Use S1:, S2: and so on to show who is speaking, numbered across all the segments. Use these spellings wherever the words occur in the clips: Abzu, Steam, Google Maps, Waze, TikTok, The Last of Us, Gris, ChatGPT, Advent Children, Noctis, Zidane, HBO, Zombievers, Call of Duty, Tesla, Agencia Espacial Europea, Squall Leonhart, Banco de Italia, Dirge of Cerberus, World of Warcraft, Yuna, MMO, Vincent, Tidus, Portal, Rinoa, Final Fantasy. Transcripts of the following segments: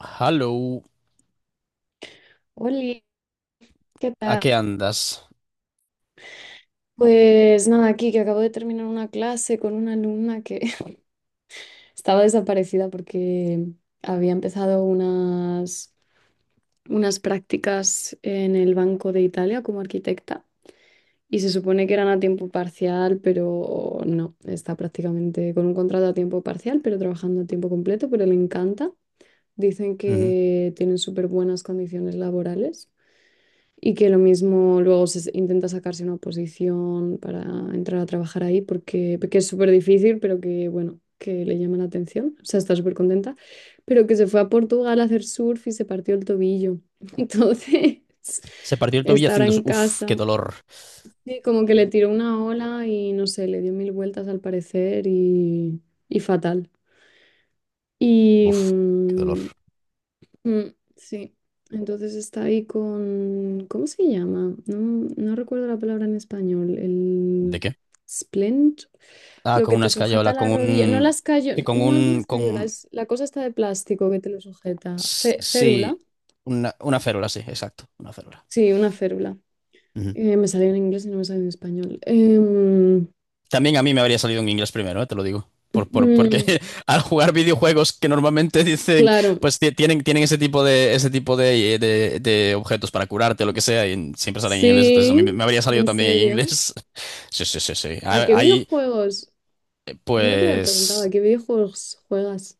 S1: Hello,
S2: Hola, ¿qué
S1: ¿a
S2: tal?
S1: qué andas?
S2: Pues nada, aquí que acabo de terminar una clase con una alumna que estaba desaparecida porque había empezado unas prácticas en el Banco de Italia como arquitecta y se supone que eran a tiempo parcial, pero no, está prácticamente con un contrato a tiempo parcial, pero trabajando a tiempo completo, pero le encanta. Dicen
S1: Ujú.
S2: que tienen súper buenas condiciones laborales. Y que lo mismo luego se intenta sacarse una oposición para entrar a trabajar ahí porque es súper difícil, pero que bueno, que le llama la atención, o sea, está súper contenta, pero que se fue a Portugal a hacer surf y se partió el tobillo. Entonces,
S1: Se partió el tobillo
S2: está ahora
S1: haciendo...
S2: en
S1: Uf, qué
S2: casa.
S1: dolor.
S2: Sí, como que le tiró una ola y no sé, le dio mil vueltas al parecer y fatal. Y,
S1: Uf, qué dolor.
S2: mm, Mm, sí, entonces está ahí con, ¿cómo se llama? No, no recuerdo la palabra en español,
S1: ¿De
S2: el
S1: qué?
S2: splint,
S1: Ah,
S2: lo
S1: con
S2: que
S1: una
S2: te sujeta
S1: escayola,
S2: la
S1: con
S2: rodilla, no
S1: un...
S2: las
S1: Sí,
S2: escayola,
S1: con
S2: no es una
S1: un...
S2: escayola,
S1: Con...
S2: es la cosa está de plástico que te lo sujeta, Férula,
S1: Sí, una férula, sí, exacto, una férula.
S2: sí, una férula.
S1: Ujú.
S2: Me salió en inglés y no me salió en español.
S1: También a mí me habría salido en inglés primero, te lo digo. Porque
S2: Mm,
S1: al jugar videojuegos que normalmente dicen,
S2: claro,
S1: pues tienen ese tipo de objetos para curarte, lo que sea, y siempre salen en inglés, entonces a mí me
S2: sí,
S1: me habría salido
S2: en
S1: también en
S2: serio.
S1: inglés. Sí, sí, sí, sí.
S2: ¿A
S1: Hay,
S2: qué
S1: hay,
S2: videojuegos? Nunca te había preguntado, ¿a
S1: pues
S2: qué videojuegos juegas?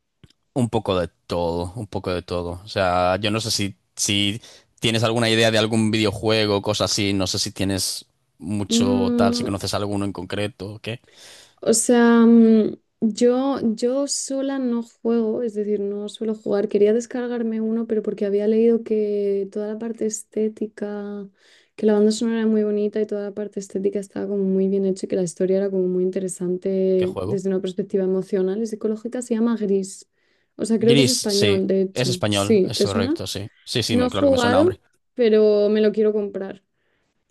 S1: un poco de todo, un poco de todo. O sea, yo no sé si tienes alguna idea de algún videojuego, cosa así, no sé si tienes mucho tal, si
S2: Mm,
S1: conoces alguno en concreto, ¿qué?
S2: O sea, yo sola no juego, es decir, no suelo jugar. Quería descargarme uno, pero porque había leído que toda la parte estética, que la banda sonora era muy bonita y toda la parte estética estaba como muy bien hecha y que la historia era como muy
S1: ¿Qué
S2: interesante
S1: juego?
S2: desde una perspectiva emocional y psicológica, se llama Gris. O sea, creo que es
S1: Gris, sí.
S2: español, de
S1: Es
S2: hecho.
S1: español,
S2: Sí,
S1: es
S2: ¿te suena?
S1: correcto, sí. Sí, sí,
S2: No he
S1: claro que me suena,
S2: jugado,
S1: hombre.
S2: pero me lo quiero comprar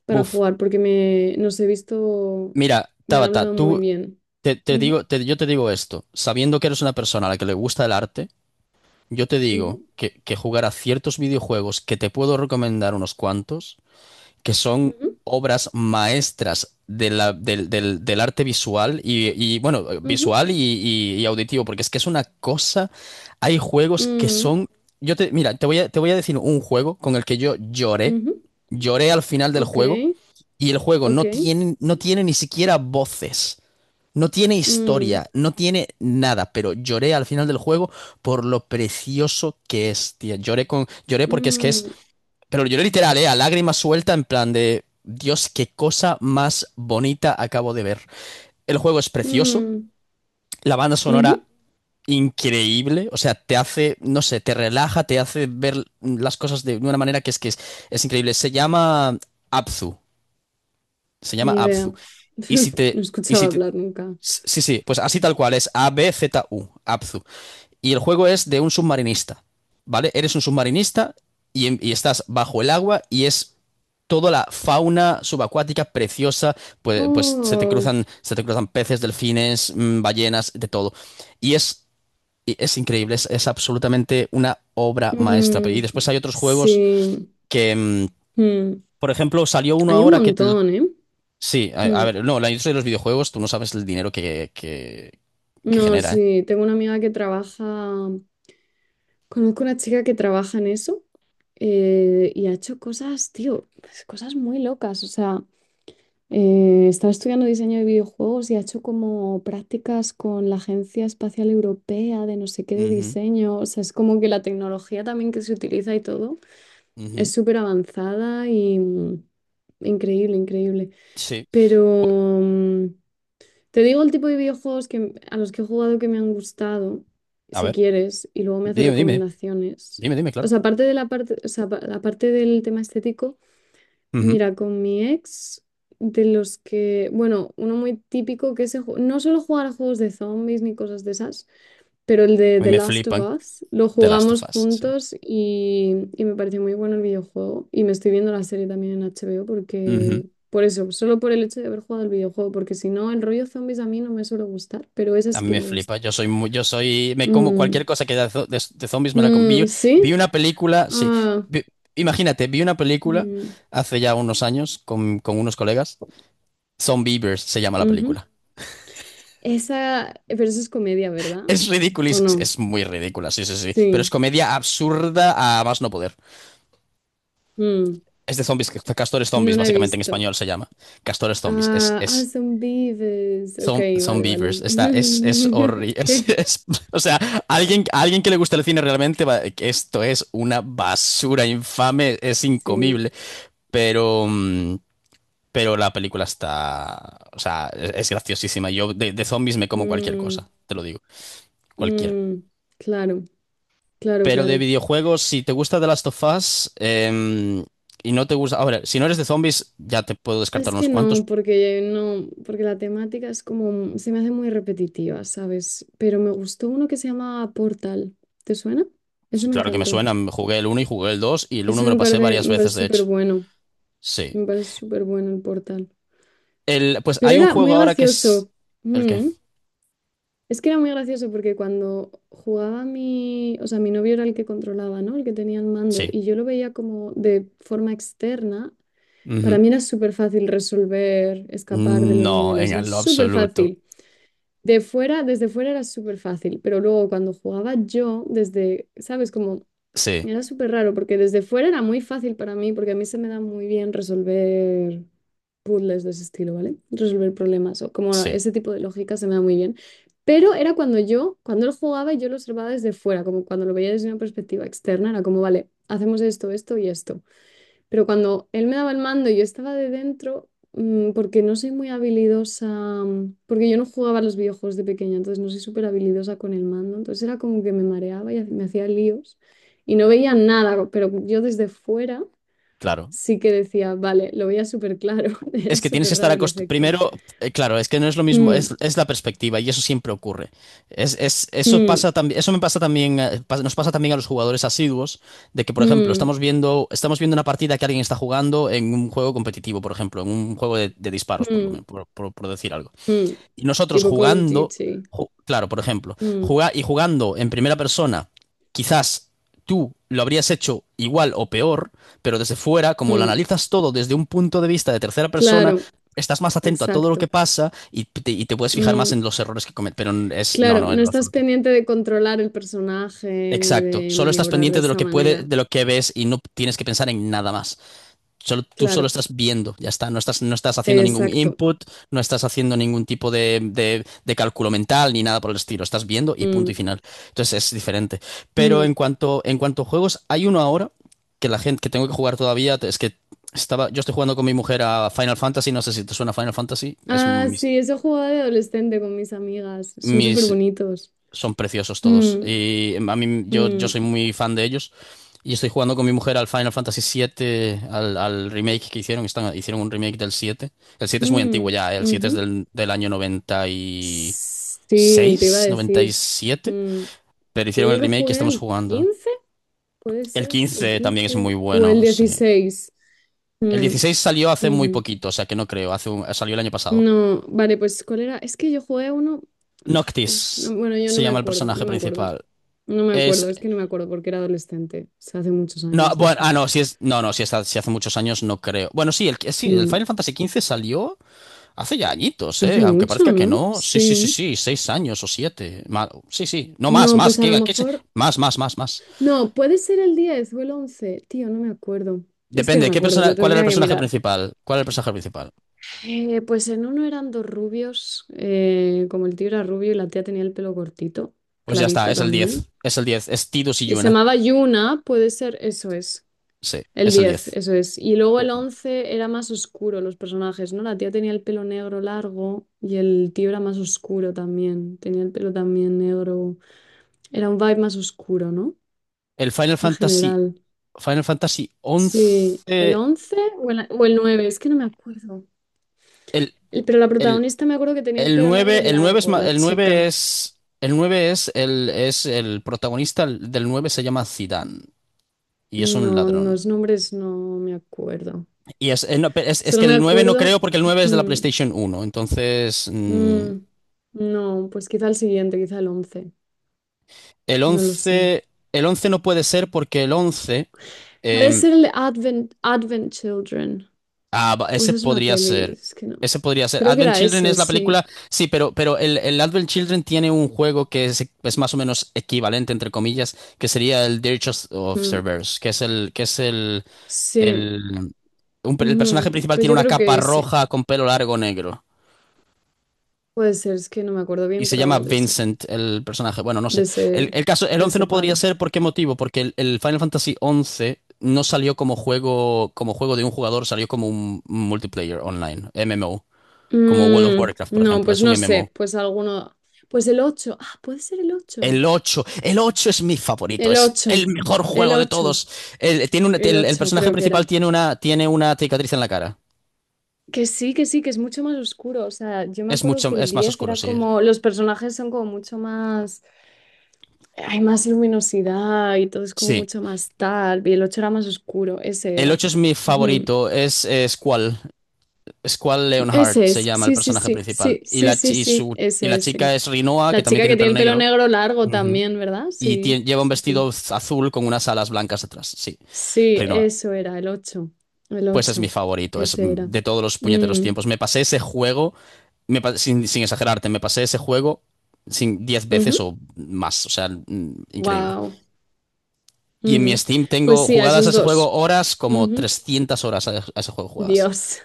S2: para
S1: Buf.
S2: jugar porque nos he visto,
S1: Mira,
S2: me han
S1: Tabata,
S2: hablado muy
S1: tú,
S2: bien.
S1: yo te digo esto, sabiendo que eres una persona a la que le gusta el arte, yo te digo
S2: Ujú,
S1: que jugar a ciertos videojuegos que te puedo recomendar unos cuantos. Que son
S2: ujú,
S1: obras maestras de la- del, del- del arte visual y, bueno,
S2: ujú,
S1: visual y auditivo, porque es que es una cosa, hay juegos que
S2: mm,
S1: son, mira, te voy a decir un juego con el que yo lloré,
S2: ujú,
S1: lloré al final del
S2: ok,
S1: juego y el juego
S2: ok.
S1: no tiene ni siquiera voces. No tiene
S2: Mm,
S1: historia, no tiene nada, pero lloré al final del juego por lo precioso que es, tía. Lloré porque es que es
S2: mm,
S1: pero lo lloré literal, ¿eh? A lágrimas suelta, en plan de. Dios, qué cosa más bonita acabo de ver. El juego es precioso,
S2: mm,
S1: la banda
S2: ujú,
S1: sonora increíble, o sea, te hace, no sé, te relaja, te hace ver las cosas de una manera que es que es increíble. Abzu, se llama
S2: ni idea.
S1: Abzu.
S2: No he
S1: Y
S2: escuchado
S1: si te,
S2: hablar nunca.
S1: sí, sí, pues así tal cual, es A-B-Z-U, Abzu. Y el juego es de un submarinista, ¿vale? Eres un submarinista y estás bajo el agua y es toda la fauna subacuática preciosa, pues se te
S2: Oh,
S1: cruzan, se te cruzan peces, delfines, ballenas, de todo. Y es, y es increíble, es absolutamente una obra maestra. Y
S2: mm,
S1: después hay otros juegos
S2: sí.
S1: que,
S2: mm,
S1: por ejemplo, salió uno
S2: Hay un
S1: ahora que...
S2: montón, ¿eh?
S1: Sí, a, a
S2: Mm,
S1: ver, no, la industria de los videojuegos, tú no sabes el dinero que
S2: No,
S1: genera, ¿eh?
S2: sí, tengo una amiga que trabaja, conozco una chica que trabaja en eso y ha hecho cosas, tío, cosas muy locas, o sea... estaba estudiando diseño de videojuegos y ha hecho como prácticas con la Agencia Espacial Europea de no sé qué de
S1: Ujú,
S2: diseño. O sea, es como que la tecnología también que se utiliza y todo es
S1: ujú.
S2: súper avanzada y increíble, increíble.
S1: Sí. Pu-
S2: Pero mm, te digo el tipo de videojuegos que, a los que he jugado que me han gustado,
S1: A
S2: si
S1: ver.
S2: quieres, y luego me haces
S1: Dime, dime,
S2: recomendaciones.
S1: dime, dime,
S2: O
S1: claro.
S2: sea, aparte de la parte, o sea, aparte del tema estético.
S1: Ujú.
S2: Mira, con mi ex, de los que, bueno, uno muy típico que no solo jugar a juegos de zombies ni cosas de esas, pero el de
S1: A mí
S2: The
S1: me
S2: Last of
S1: flipan
S2: Us lo
S1: The Last of
S2: jugamos
S1: Us, sí.
S2: juntos y me pareció muy bueno el videojuego. Y me estoy viendo la serie también en HBO
S1: Ujú.
S2: porque, por eso, solo por el hecho de haber jugado el videojuego, porque si no, el rollo zombies a mí no me suele gustar, pero esa
S1: A
S2: sí
S1: mí
S2: que
S1: me
S2: me
S1: flipa.
S2: gusta.
S1: Yo soy muy, yo soy, me como cualquier
S2: Mm,
S1: cosa que haya de zombies me la como. Vi,
S2: mm,
S1: vi
S2: ¿sí?
S1: una película, sí.
S2: Ah,
S1: Vi- imagínate, vi una película
S2: mm,
S1: hace ya unos años con unos colegas. Zombievers se llama la
S2: ujú.
S1: película.
S2: Esa, pero eso es comedia, ¿verdad?
S1: Es ridícula, y
S2: ¿O
S1: es,
S2: no?
S1: es muy ridícula, sí, sí, sí. Pero es
S2: Sí,
S1: comedia absurda a más no poder.
S2: mm,
S1: Es de zombies, castores
S2: no
S1: zombies,
S2: la he
S1: básicamente en
S2: visto.
S1: español se llama. Castores zombies. Es,
S2: Ah, ah,
S1: es
S2: son vives. Ok,
S1: Son, son
S2: vale,
S1: Beavers.
S2: vale.
S1: Es horrible.
S2: Ok,
S1: O sea, alguien que le gusta el cine realmente, que esto es una basura infame, es
S2: sí.
S1: incomible. Pero, mm, pero la película está, o sea, es graciosísima. Yo de zombies me como cualquier
S2: Mm,
S1: cosa, te lo digo, cualquiera.
S2: mm, claro, claro,
S1: Pero de
S2: claro.
S1: videojuegos, si te gusta The Last of Us, y no te gusta, ahora, si no eres de zombies, ya te puedo descartar
S2: Es
S1: unos
S2: que
S1: cuantos.
S2: no, porque no, porque la temática es como, se me hace muy repetitiva, ¿sabes? Pero me gustó uno que se llama Portal. ¿Te suena? Ese
S1: Sí,
S2: me
S1: claro que me
S2: encantó.
S1: suenan, jugué el uno y jugué el 2 y el uno
S2: Ese
S1: me lo pasé varias
S2: me
S1: veces,
S2: parece
S1: de
S2: súper
S1: hecho.
S2: bueno.
S1: Sí.
S2: Me parece súper bueno el Portal.
S1: Pues
S2: Pero
S1: hay un
S2: era
S1: juego
S2: muy
S1: ahora que es...
S2: gracioso.
S1: ¿El qué?
S2: Mm. Es que era muy gracioso porque cuando jugaba mi, o sea, mi novio era el que controlaba, ¿no? El que tenía el mando
S1: Sí.
S2: y yo lo veía como de forma externa, para
S1: Ujú.
S2: mí era súper fácil resolver, escapar de los
S1: No,
S2: niveles, era
S1: en lo
S2: súper
S1: absoluto.
S2: fácil. De fuera, desde fuera era súper fácil, pero luego cuando jugaba yo, desde, ¿sabes? Como
S1: Sí,
S2: era súper raro porque desde fuera era muy fácil para mí, porque a mí se me da muy bien resolver puzzles de ese estilo, ¿vale? Resolver problemas o como
S1: sí,
S2: ese tipo de lógica se me da muy bien. Pero era cuando yo, cuando él jugaba, y yo lo observaba desde fuera, como cuando lo veía desde una perspectiva externa, era como, vale, hacemos esto, esto y esto. Pero cuando él me daba el mando y yo estaba de dentro, porque no soy muy habilidosa, porque yo no jugaba a los videojuegos de pequeña, entonces no soy súper habilidosa con el mando, entonces era como que me mareaba y me hacía líos y no veía nada, pero yo desde fuera
S1: claro.
S2: sí que decía, vale, lo veía súper claro, era
S1: Es que tienes que
S2: súper
S1: estar
S2: raro el
S1: acostumbrado.
S2: efecto.
S1: Primero, claro, es que no es lo mismo,
S2: Mm,
S1: es la perspectiva y eso siempre ocurre. Eso
S2: mm,
S1: pasa también, eso me pasa también, nos pasa también a los jugadores asiduos, de que, por ejemplo,
S2: mm,
S1: estamos viendo una partida que alguien está jugando en un juego competitivo, por ejemplo, en un juego de disparos, por lo
S2: mm,
S1: menos, por decir algo.
S2: mm.
S1: Y nosotros
S2: Tipo Call of
S1: jugando,
S2: Duty.
S1: claro, por ejemplo,
S2: Mm,
S1: jugar y jugando en primera persona, quizás tú lo habrías hecho igual o peor, pero desde fuera, como lo
S2: mm.
S1: analizas todo desde un punto de vista de tercera persona,
S2: Claro,
S1: estás más atento a todo lo que
S2: exacto.
S1: pasa y te puedes fijar más en
S2: Mm.
S1: los errores que cometes, pero no,
S2: Claro,
S1: no, en
S2: no
S1: lo
S2: estás
S1: absoluto.
S2: pendiente de controlar el personaje ni
S1: Exacto,
S2: de
S1: solo estás
S2: maniobrar
S1: pendiente
S2: de
S1: de lo
S2: esa
S1: que puede,
S2: manera.
S1: de lo que ves y no tienes que pensar en nada más. Tú solo
S2: Claro,
S1: estás viendo, ya está. No estás haciendo ningún
S2: exacto.
S1: input, no estás haciendo ningún tipo de cálculo mental ni nada por el estilo. Estás viendo y punto y
S2: Mm,
S1: final. Entonces es diferente. Pero en
S2: mm.
S1: cuanto, en cuanto a juegos, hay uno ahora que la gente que tengo que jugar todavía. Es que yo estoy jugando con mi mujer a Final Fantasy. No sé si te suena Final Fantasy.
S2: Ah, sí, eso jugaba de adolescente con mis amigas. Son súper
S1: Mis,
S2: bonitos.
S1: son preciosos todos.
S2: Mm,
S1: Y a mí, yo
S2: mm,
S1: soy muy fan de ellos. Y estoy jugando con mi mujer al Final Fantasy siete al remake que hicieron. Hicieron un remake del siete. El siete es muy antiguo
S2: mm,
S1: ya, ¿eh? El 7 es
S2: ujú.
S1: del año noventa noventa y
S2: Sí, te iba a
S1: seis noventa y
S2: decir.
S1: siete
S2: Mm,
S1: Pero
S2: Yo
S1: hicieron el
S2: creo que
S1: remake y
S2: jugué
S1: estamos
S2: al
S1: jugando.
S2: 15, puede
S1: El
S2: ser, el
S1: 15 también es muy
S2: 15 o el
S1: bueno, sí.
S2: 16.
S1: El
S2: Mm,
S1: 16 salió hace muy
S2: ujú.
S1: poquito, o sea que no creo. Hace salió el año pasado.
S2: No, vale, pues ¿cuál era? Es que yo jugué a uno. Ah, Dios,
S1: Noctis
S2: bueno, yo
S1: se
S2: no me
S1: llama el
S2: acuerdo,
S1: personaje
S2: no me acuerdo.
S1: principal.
S2: No me
S1: Es.
S2: acuerdo, es que no me acuerdo porque era adolescente. O sea, hace muchos
S1: No,
S2: años de
S1: bueno,
S2: eso.
S1: ah, no, si es. No, no, si, está, si hace muchos años no creo. Bueno, sí, sí, el
S2: Mm,
S1: Final Fantasy quince salió. Hace ya añitos,
S2: Hace
S1: ¿eh? Aunque
S2: mucho,
S1: parezca que
S2: ¿no?
S1: no. Sí, sí, sí,
S2: Sí.
S1: sí, 6 años o 7. Sí, sí. No más,
S2: No,
S1: más.
S2: pues a lo
S1: ¿Qué se-
S2: mejor.
S1: Más, más, más, más.
S2: No, puede ser el 10 o el 11. Tío, no me acuerdo. Es que no
S1: Depende.
S2: me
S1: ¿Qué
S2: acuerdo,
S1: persona...
S2: lo
S1: ¿Cuál era el
S2: tendría que
S1: personaje
S2: mirar.
S1: principal? ¿Cuál era el personaje principal?
S2: Pues en uno eran dos rubios, como el tío era rubio y la tía tenía el pelo cortito,
S1: Pues ya está,
S2: clarito
S1: es el
S2: también.
S1: diez. Es el diez. Es Tidus y
S2: Y se
S1: Yuna.
S2: llamaba Yuna, puede ser, eso es.
S1: Sí,
S2: El
S1: es el
S2: diez,
S1: diez.
S2: eso es. Y luego
S1: Eh,
S2: el 11 era más oscuro los personajes, ¿no? La tía tenía el pelo negro largo y el tío era más oscuro también. Tenía el pelo también negro. Era un vibe más oscuro, ¿no?
S1: El Final
S2: En
S1: Fantasy.
S2: general.
S1: Final Fantasy once.
S2: Sí, el 11 o el 9 es que no me acuerdo.
S1: El,
S2: Pero la
S1: el,
S2: protagonista me acuerdo que tenía el
S1: el
S2: pelo negro
S1: nueve. El 9 es.
S2: largo, la
S1: El 9
S2: chica.
S1: es. Es el protagonista del 9 se llama Zidane y es un
S2: No,
S1: ladrón.
S2: los nombres no me acuerdo.
S1: No, es
S2: Solo
S1: que
S2: me
S1: el 9 no
S2: acuerdo...
S1: creo porque el 9 es de la
S2: mm,
S1: PlayStation uno. Entonces,
S2: mm, no, pues quizá el siguiente, quizá el 11.
S1: el
S2: No lo sé.
S1: 11 el 11 no puede ser porque el 11
S2: Puede
S1: em,
S2: ser el de Advent, Advent Children. O
S1: ese
S2: esa es una
S1: podría
S2: peli,
S1: ser.
S2: es que no.
S1: Ese podría ser.
S2: Creo que
S1: Advent
S2: era
S1: Children
S2: ese,
S1: es la
S2: sí.
S1: película, sí, pero el Advent Children tiene un juego que es más o menos equivalente, entre comillas, que sería el Dirge of
S2: Mm,
S1: Cerberus, que es
S2: sí.
S1: el, el personaje
S2: Ujú,
S1: principal
S2: pues
S1: tiene
S2: yo
S1: una
S2: creo
S1: capa
S2: que ese.
S1: roja con pelo largo negro.
S2: Puede ser, es que no me acuerdo
S1: Y
S2: bien,
S1: se
S2: pero
S1: llama
S2: algo de eso.
S1: Vincent el personaje. Bueno, no sé.
S2: De ese,
S1: El caso, el
S2: de
S1: 11
S2: ese
S1: no podría
S2: palo.
S1: ser, ¿por qué motivo? Porque el Final Fantasy 11 no salió como juego de un jugador, salió como un multiplayer online, MMO, como World of Warcraft, por
S2: No,
S1: ejemplo,
S2: pues
S1: es un
S2: no
S1: MMO.
S2: sé. Pues alguno. Pues el ocho. Ah, puede ser el
S1: El
S2: ocho.
S1: ocho el ocho es mi favorito,
S2: El
S1: es
S2: ocho.
S1: el mejor
S2: El
S1: juego de
S2: ocho.
S1: todos. El, tiene una-
S2: El
S1: el, el
S2: ocho
S1: personaje
S2: creo que
S1: principal
S2: era.
S1: tiene una cicatriz en la cara.
S2: Que sí, que sí, que es mucho más oscuro. O sea, yo me acuerdo que el
S1: Es más
S2: 10
S1: oscuro,
S2: era
S1: sí.
S2: como. Los personajes son como mucho más. Hay más luminosidad y todo es como
S1: Sí.
S2: mucho más tal. Y el 8 era más oscuro, ese
S1: El
S2: era.
S1: 8 es mi
S2: Ujú.
S1: favorito, es cuál. Squall Leonhart
S2: Ese
S1: se
S2: es,
S1: llama el
S2: sí, sí,
S1: personaje
S2: sí,
S1: principal.
S2: sí,
S1: Y
S2: sí,
S1: la,
S2: sí,
S1: chi- y
S2: sí,
S1: su, y
S2: ese
S1: la
S2: es.
S1: chica
S2: Sí.
S1: es Rinoa, que
S2: La
S1: también
S2: chica
S1: tiene
S2: que
S1: el pelo
S2: tiene el pelo
S1: negro.
S2: negro largo
S1: Ujú.
S2: también, ¿verdad? Sí,
S1: Lleva un
S2: sí, sí.
S1: vestido azul con unas alas blancas detrás. Sí,
S2: Sí,
S1: Rinoa.
S2: eso era, el ocho. El
S1: Pues es mi
S2: ocho,
S1: favorito,
S2: ese era.
S1: de todos los puñeteros
S2: Mm,
S1: tiempos. Me pasé ese juego, sin exagerarte, me pasé ese juego sin 10 veces
S2: ujú.
S1: o más, o sea, increíble.
S2: Wow.
S1: Y en mi
S2: Ujú.
S1: Steam
S2: Pues
S1: tengo
S2: sí, a
S1: jugadas a
S2: esos
S1: ese juego
S2: dos.
S1: horas, como
S2: Ujú.
S1: 300 horas a ese juego jugadas.
S2: Dios.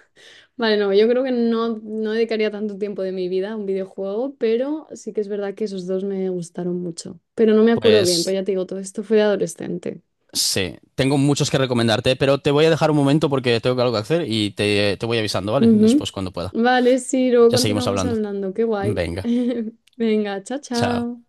S2: Vale, no, yo creo que no, no dedicaría tanto tiempo de mi vida a un videojuego, pero sí que es verdad que esos dos me gustaron mucho. Pero no me acuerdo bien, pues
S1: Pues
S2: ya te digo, todo esto fue de adolescente.
S1: sí, tengo muchos que recomendarte, pero te voy a dejar un momento porque tengo algo que hacer y te voy avisando, ¿vale?
S2: Ujú.
S1: Después cuando pueda.
S2: Vale, sí, luego
S1: Ya seguimos
S2: continuamos
S1: hablando.
S2: hablando, qué guay.
S1: Venga,
S2: Venga, chao,
S1: chao.
S2: chao.